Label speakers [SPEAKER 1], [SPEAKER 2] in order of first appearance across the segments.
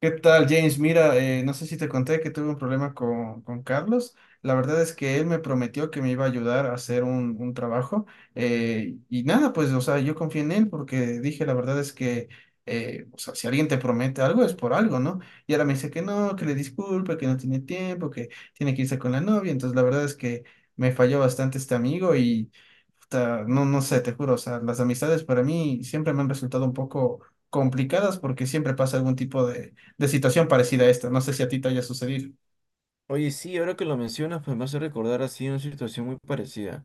[SPEAKER 1] ¿Qué tal, James? Mira, no sé si te conté que tuve un problema con Carlos. La verdad es que él me prometió que me iba a ayudar a hacer un trabajo. Y nada, pues, o sea, yo confié en él porque dije, la verdad es que, o sea, si alguien te promete algo es por algo, ¿no? Y ahora me dice que no, que le disculpe, que no tiene tiempo, que tiene que irse con la novia. Entonces, la verdad es que me falló bastante este amigo y, puta, no sé, te juro, o sea, las amistades para mí siempre me han resultado un poco complicadas porque siempre pasa algún tipo de situación parecida a esta. No sé si a ti te haya sucedido.
[SPEAKER 2] Oye, sí, ahora que lo mencionas, pues me hace recordar así una situación muy parecida.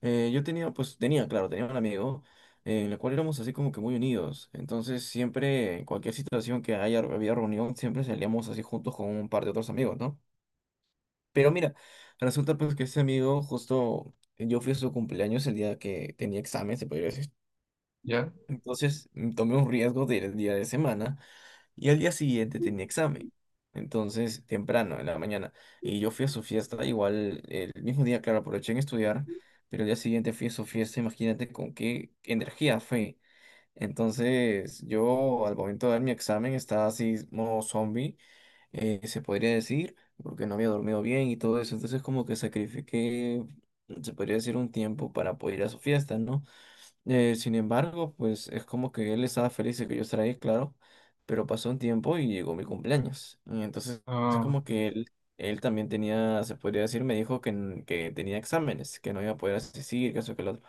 [SPEAKER 2] Yo tenía, pues, claro, tenía un amigo en el cual éramos así como que muy unidos. Entonces siempre, en cualquier situación había reunión, siempre salíamos así juntos con un par de otros amigos, ¿no? Pero mira, resulta pues que ese amigo, justo yo fui a su cumpleaños el día que tenía examen, se podría decir.
[SPEAKER 1] ¿Ya?
[SPEAKER 2] Entonces tomé un riesgo de ir el día de semana y al día siguiente tenía examen. Entonces, temprano, en la mañana. Y yo fui a su fiesta, igual el mismo día, claro, aproveché en estudiar, pero el día siguiente fui a su fiesta, imagínate con qué energía fue. Entonces, yo al momento de dar mi examen estaba así, modo zombie, se podría decir, porque no había dormido bien y todo eso. Entonces, como que sacrifiqué, se podría decir, un tiempo para poder ir a su fiesta, ¿no? Sin embargo, pues es como que él estaba feliz de que yo estará ahí, claro, pero pasó un tiempo y llegó mi cumpleaños. Y entonces es
[SPEAKER 1] Ah,
[SPEAKER 2] como que él también tenía, se podría decir, me dijo que, que tenía exámenes, que no iba a poder asistir, que eso, que lo otro.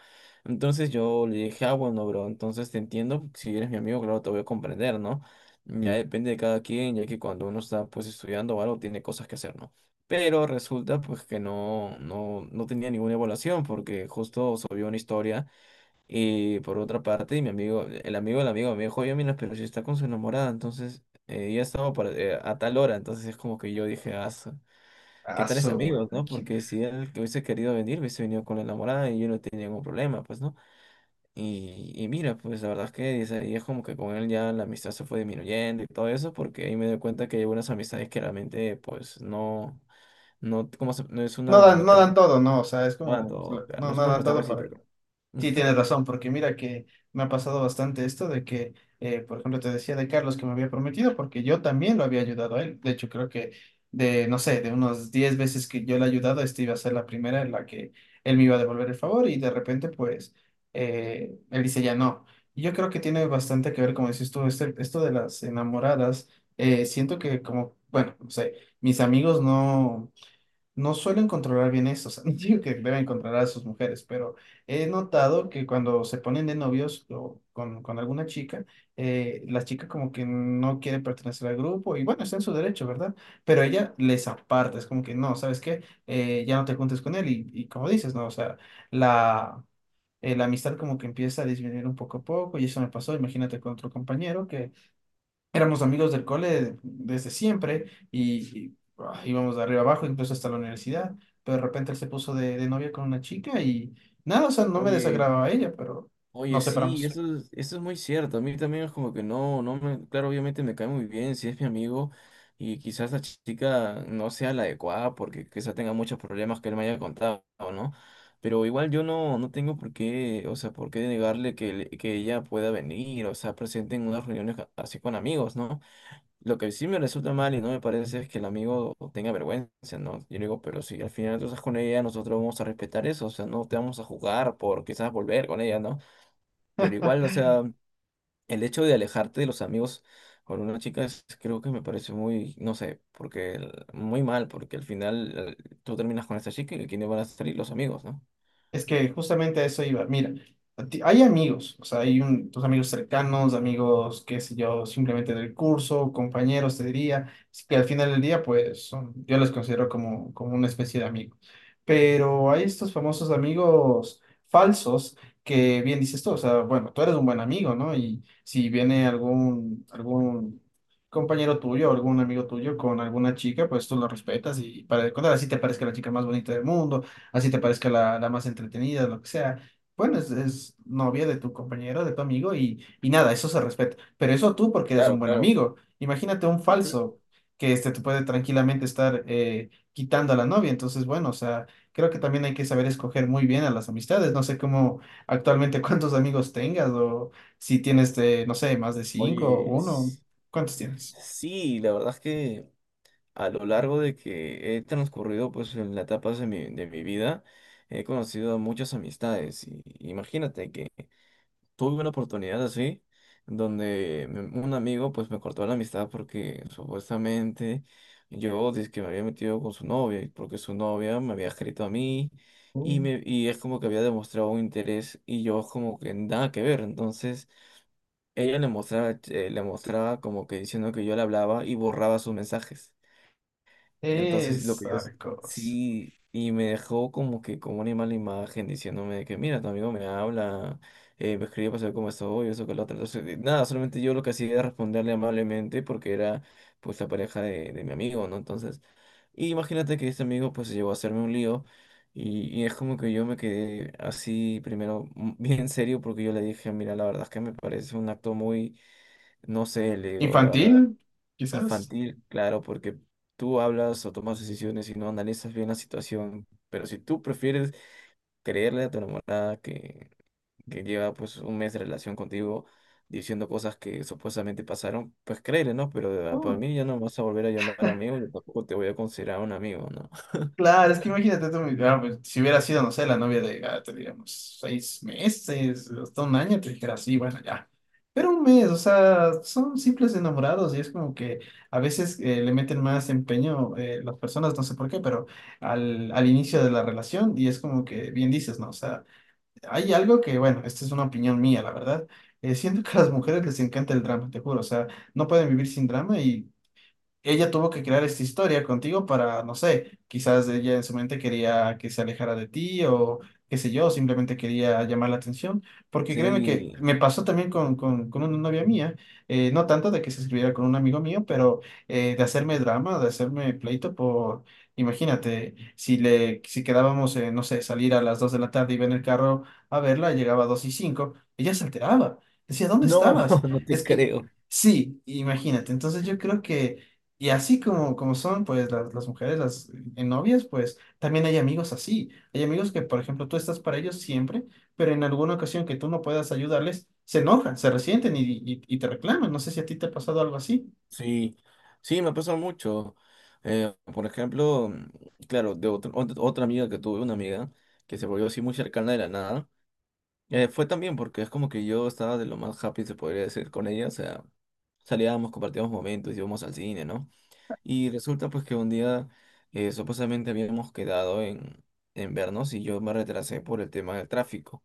[SPEAKER 2] Entonces yo le dije, ah, bueno, bro, entonces te entiendo, si eres mi amigo, claro, te voy a comprender, ¿no? Ya depende de cada quien, ya que cuando uno está pues estudiando o algo, tiene cosas que hacer, ¿no? Pero resulta pues que no, no, no tenía ninguna evaluación porque justo subió una historia. Y por otra parte, mi amigo, el amigo del amigo me dijo, oye, mira, pero si está con su enamorada, entonces ya estaba a tal hora, entonces es como que yo dije, ah, ¿qué tales
[SPEAKER 1] aso,
[SPEAKER 2] amigos, no?
[SPEAKER 1] aquí.
[SPEAKER 2] Porque si él que hubiese querido venir, hubiese venido con la enamorada y yo no tenía ningún problema, pues, ¿no? Y mira, pues la verdad es que dice, y es como que con él ya la amistad se fue disminuyendo y todo eso, porque ahí me doy cuenta que hay unas amistades que realmente, pues, no, no, no es
[SPEAKER 1] No
[SPEAKER 2] una
[SPEAKER 1] dan, no
[SPEAKER 2] amistad,
[SPEAKER 1] dan todo, ¿no? O sea, es
[SPEAKER 2] bueno,
[SPEAKER 1] como,
[SPEAKER 2] todo, claro,
[SPEAKER 1] no,
[SPEAKER 2] no es
[SPEAKER 1] no
[SPEAKER 2] una
[SPEAKER 1] dan
[SPEAKER 2] amistad
[SPEAKER 1] todo para,
[SPEAKER 2] recíproca.
[SPEAKER 1] sí,
[SPEAKER 2] Ujú.
[SPEAKER 1] tienes razón, porque mira que me ha pasado bastante esto de que, por ejemplo, te decía de Carlos que me había prometido, porque yo también lo había ayudado a él. De hecho, creo que de, no sé, de unos 10 veces que yo le he ayudado, esta iba a ser la primera en la que él me iba a devolver el favor y de repente, pues, él dice ya no. Y yo creo que tiene bastante que ver, como dices tú, este, esto de las enamoradas. Siento que como, bueno, no sé, mis amigos no suelen controlar bien eso, o sea, no digo que deben controlar a sus mujeres, pero he notado que cuando se ponen de novios o con alguna chica, la chica como que no quiere pertenecer al grupo y bueno, está en su derecho, ¿verdad? Pero ella les aparta, es como que no, ¿sabes qué? Ya no te juntes con él y como dices, ¿no? O sea, la... la amistad como que empieza a disminuir un poco a poco y eso me pasó, imagínate con otro compañero que éramos amigos del cole desde siempre y íbamos de arriba abajo, incluso hasta la universidad, pero de repente él se puso de novia con una chica y nada, o sea, no me
[SPEAKER 2] Oye.
[SPEAKER 1] desagradaba a ella, pero
[SPEAKER 2] Oye,
[SPEAKER 1] nos
[SPEAKER 2] sí,
[SPEAKER 1] separamos.
[SPEAKER 2] eso es muy cierto. A mí también es como que no, no me, claro, obviamente me cae muy bien si es mi amigo y quizás la chica no sea la adecuada porque quizás tenga muchos problemas que él me haya contado, ¿no? Pero igual yo no, no tengo por qué, o sea, por qué negarle que, que ella pueda venir, o sea, presente en unas reuniones así con amigos, ¿no? Lo que sí me resulta mal y no me parece es que el amigo tenga vergüenza, ¿no? Yo le digo, pero si al final tú estás con ella, nosotros vamos a respetar eso, o sea, no te vamos a jugar por quizás volver con ella, ¿no? Pero igual, o sea, el hecho de alejarte de los amigos con una chica creo que me parece muy, no sé, porque muy mal, porque al final tú terminas con esta chica y quiénes van a salir los amigos, ¿no?
[SPEAKER 1] Es que justamente a eso iba. Mira, hay amigos, o sea, tus amigos cercanos, amigos, qué sé yo, simplemente del curso, compañeros, te diría, así que al final del día, pues son, yo los considero como, como una especie de amigo. Pero hay estos famosos amigos falsos que bien dices tú, o sea, bueno, tú eres un buen amigo, ¿no? Y si viene algún compañero tuyo, algún amigo tuyo con alguna chica, pues tú lo respetas y para de contar, así te parezca la chica más bonita del mundo, así te parezca la más entretenida, lo que sea. Bueno, es novia de tu compañero, de tu amigo y nada, eso se respeta. Pero eso tú porque eres un
[SPEAKER 2] Claro,
[SPEAKER 1] buen
[SPEAKER 2] claro.
[SPEAKER 1] amigo. Imagínate un
[SPEAKER 2] Ujú.
[SPEAKER 1] falso que este te puede tranquilamente estar quitando a la novia. Entonces, bueno, o sea, creo que también hay que saber escoger muy bien a las amistades. No sé cómo actualmente cuántos amigos tengas o si tienes, de, no sé, más de cinco o
[SPEAKER 2] Oye,
[SPEAKER 1] uno. ¿Cuántos tienes?
[SPEAKER 2] sí, la verdad es que a lo largo de que he transcurrido pues en las etapas de mi vida, he conocido muchas amistades. Y imagínate, tuve una oportunidad así, donde un amigo pues me cortó la amistad porque supuestamente yo que me había metido con su novia, y porque su novia me había escrito a mí y,
[SPEAKER 1] Mm.
[SPEAKER 2] me, y es como que había demostrado un interés y yo como que nada que ver. Entonces ella le mostraba, le mostraba como que diciendo que yo le hablaba y borraba sus mensajes. Entonces lo que yo
[SPEAKER 1] Esa cosa.
[SPEAKER 2] sí, y me dejó como que como una mala imagen diciéndome de que mira, tu amigo me habla, me escribe para saber cómo estoy, eso que lo otro. Entonces, nada, solamente yo lo que hacía era responderle amablemente porque era pues la pareja de mi amigo, ¿no? Entonces, y imagínate que este amigo pues llegó a hacerme un lío y es como que yo me quedé así primero bien serio porque yo le dije, mira, la verdad es que me parece un acto muy, no sé, le digo, la verdad.
[SPEAKER 1] ¿Infantil? Quizás.
[SPEAKER 2] Infantil, claro, porque tú hablas o tomas decisiones y no analizas bien la situación, pero si tú prefieres creerle a tu enamorada que lleva pues un mes de relación contigo diciendo cosas que supuestamente pasaron, pues créele, ¿no? Pero para
[SPEAKER 1] Oh,
[SPEAKER 2] mí ya no me vas a volver a llamar amigo y tampoco te voy a considerar un amigo, ¿no?
[SPEAKER 1] claro, es que imagínate tú, ah, pues, si hubiera sido, no sé, la novia de Gato, digamos, seis meses, hasta un año, te dijera, sí, bueno, ya. Pero un mes, o sea, son simples enamorados y es como que a veces le meten más empeño las personas, no sé por qué, pero al inicio de la relación y es como que bien dices, ¿no? O sea, hay algo que, bueno, esta es una opinión mía, la verdad. Siento que a las mujeres les encanta el drama, te juro, o sea, no pueden vivir sin drama y ella tuvo que crear esta historia contigo para, no sé, quizás ella en su mente quería que se alejara de ti o qué sé yo, simplemente quería llamar la atención, porque créeme que
[SPEAKER 2] Sí,
[SPEAKER 1] me pasó también con una novia mía, no tanto de que se escribiera con un amigo mío, pero de hacerme drama, de hacerme pleito por, imagínate, si quedábamos, no sé, salir a las 2 de la tarde, iba en el carro a verla, llegaba a 2 y cinco, ella se alteraba, decía, ¿dónde
[SPEAKER 2] no,
[SPEAKER 1] estabas?
[SPEAKER 2] no te
[SPEAKER 1] Es que...
[SPEAKER 2] creo.
[SPEAKER 1] sí, imagínate. Entonces yo creo que y así como, como son, pues, las mujeres, las novias, pues, también hay amigos así. Hay amigos que, por ejemplo, tú estás para ellos siempre, pero en alguna ocasión que tú no puedas ayudarles, se enojan, se resienten y te reclaman. No sé si a ti te ha pasado algo así,
[SPEAKER 2] Sí, sí, me pasa mucho. Por ejemplo, claro, de otra otra amiga que tuve, una amiga que se volvió así muy cercana de la nada, fue también porque es como que yo estaba de lo más happy, se podría decir, con ella, o sea, salíamos, compartíamos momentos, íbamos al cine, ¿no? Y resulta pues que un día supuestamente habíamos quedado en vernos y yo me retrasé por el tema del tráfico.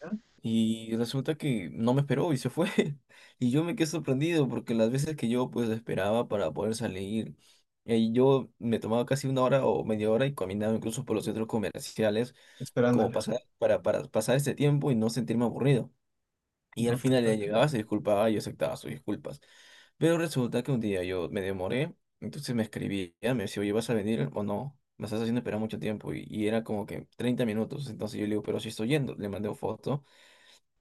[SPEAKER 1] ¿no?
[SPEAKER 2] Y resulta que no me esperó y se fue. Y yo me quedé sorprendido porque las veces que yo pues esperaba para poder salir, yo me tomaba casi una hora o media hora y caminaba incluso por los centros comerciales como
[SPEAKER 1] Esperándola.
[SPEAKER 2] pasar, para pasar este tiempo y no sentirme aburrido. Y al
[SPEAKER 1] No te
[SPEAKER 2] final ella
[SPEAKER 1] puedo creer.
[SPEAKER 2] llegaba, se disculpaba y yo aceptaba sus disculpas. Pero resulta que un día yo me demoré, entonces me escribía, me decía, oye, ¿vas a venir o no? Me estás haciendo esperar mucho tiempo. Y era como que 30 minutos. Entonces yo le digo, pero si estoy yendo, le mandé una foto.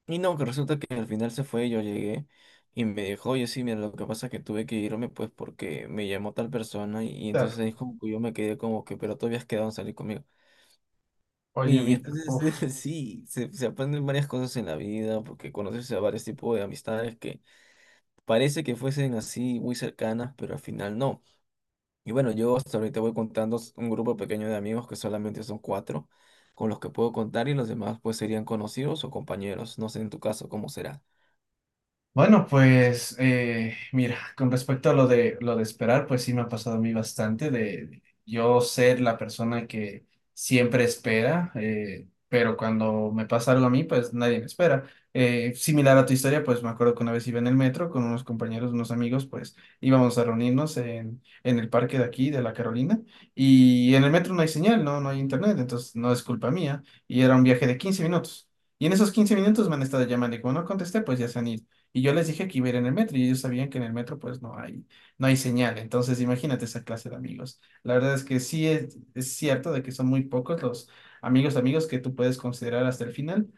[SPEAKER 2] Y no, que resulta que al final se fue, yo llegué y me dijo, oye, sí, mira, lo que pasa es que tuve que irme pues porque me llamó tal persona y entonces
[SPEAKER 1] Claro.
[SPEAKER 2] ahí como que yo me quedé como que, pero tú habías quedado en salir conmigo.
[SPEAKER 1] Oye,
[SPEAKER 2] Y
[SPEAKER 1] mira,
[SPEAKER 2] entonces
[SPEAKER 1] uf.
[SPEAKER 2] sí, se aprenden varias cosas en la vida porque conoces a varios tipos de amistades que parece que fuesen así muy cercanas, pero al final no. Y bueno, yo hasta ahorita voy contando un grupo pequeño de amigos que solamente son cuatro con los que puedo contar y los demás pues serían conocidos o compañeros. No sé en tu caso cómo será.
[SPEAKER 1] Bueno, pues mira, con respecto a lo de esperar, pues sí me ha pasado a mí bastante de yo ser la persona que siempre espera, pero cuando me pasa algo a mí, pues nadie me espera. Similar a tu historia, pues me acuerdo que una vez iba en el metro con unos compañeros, unos amigos, pues íbamos a reunirnos en el parque de aquí, de la Carolina, y en el metro no hay señal, no hay internet, entonces no es culpa mía, y era un viaje de 15 minutos. Y en esos 15 minutos me han estado llamando y como no contesté, pues ya se han ido. Y yo les dije que iba a ir en el metro y ellos sabían que en el metro pues no hay, no hay señal. Entonces imagínate esa clase de amigos. La verdad es que sí es cierto de que son muy pocos los amigos, amigos que tú puedes considerar hasta el final.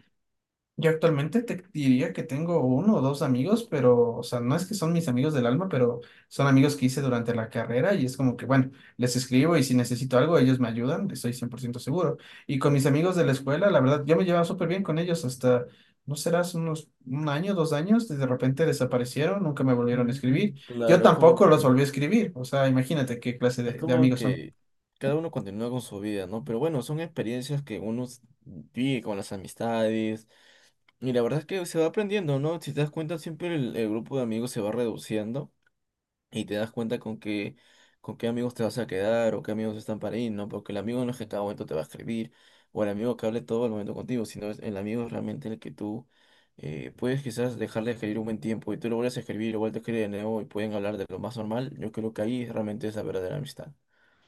[SPEAKER 1] Yo actualmente te diría que tengo uno o dos amigos, pero, o sea, no es que son mis amigos del alma, pero son amigos que hice durante la carrera y es como que, bueno, les escribo y si necesito algo, ellos me ayudan, estoy 100% seguro. Y con mis amigos de la escuela, la verdad, yo me llevaba súper bien con ellos hasta, no serás unos 1 año, 2 años, de repente desaparecieron, nunca me volvieron a escribir.
[SPEAKER 2] Mm,
[SPEAKER 1] Yo
[SPEAKER 2] claro, es como
[SPEAKER 1] tampoco los
[SPEAKER 2] que,
[SPEAKER 1] volví a escribir, o sea, imagínate qué clase
[SPEAKER 2] es
[SPEAKER 1] de
[SPEAKER 2] como
[SPEAKER 1] amigos son.
[SPEAKER 2] que cada uno continúa con su vida, ¿no? Pero bueno, son experiencias que uno vive con las amistades. Y la verdad es que se va aprendiendo, ¿no? Si te das cuenta, siempre el grupo de amigos se va reduciendo y te das cuenta con qué amigos te vas a quedar o qué amigos están para ir, ¿no? Porque el amigo no es que a cada momento te va a escribir o el amigo que hable todo el momento contigo, sino es el amigo es realmente el que tú puedes quizás dejarle de escribir un buen tiempo y tú lo vuelves a escribir o vuelves a escribir de nuevo y pueden hablar de lo más normal. Yo creo que ahí realmente es la verdadera amistad.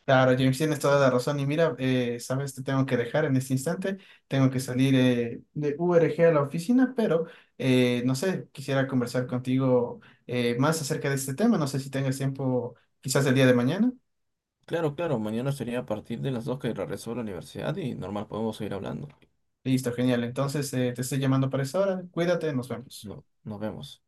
[SPEAKER 1] Claro, James, tienes toda la razón. Y mira, sabes, te tengo que dejar en este instante. Tengo que salir de URG a la oficina, pero no sé, quisiera conversar contigo más acerca de este tema. No sé si tengas tiempo, quizás el día de mañana.
[SPEAKER 2] Claro, claro, mañana sería a partir de las 2 que regreso a la universidad y normal podemos seguir hablando.
[SPEAKER 1] Listo, genial. Entonces, te estoy llamando para esa hora. Cuídate, nos vemos.
[SPEAKER 2] No, nos vemos.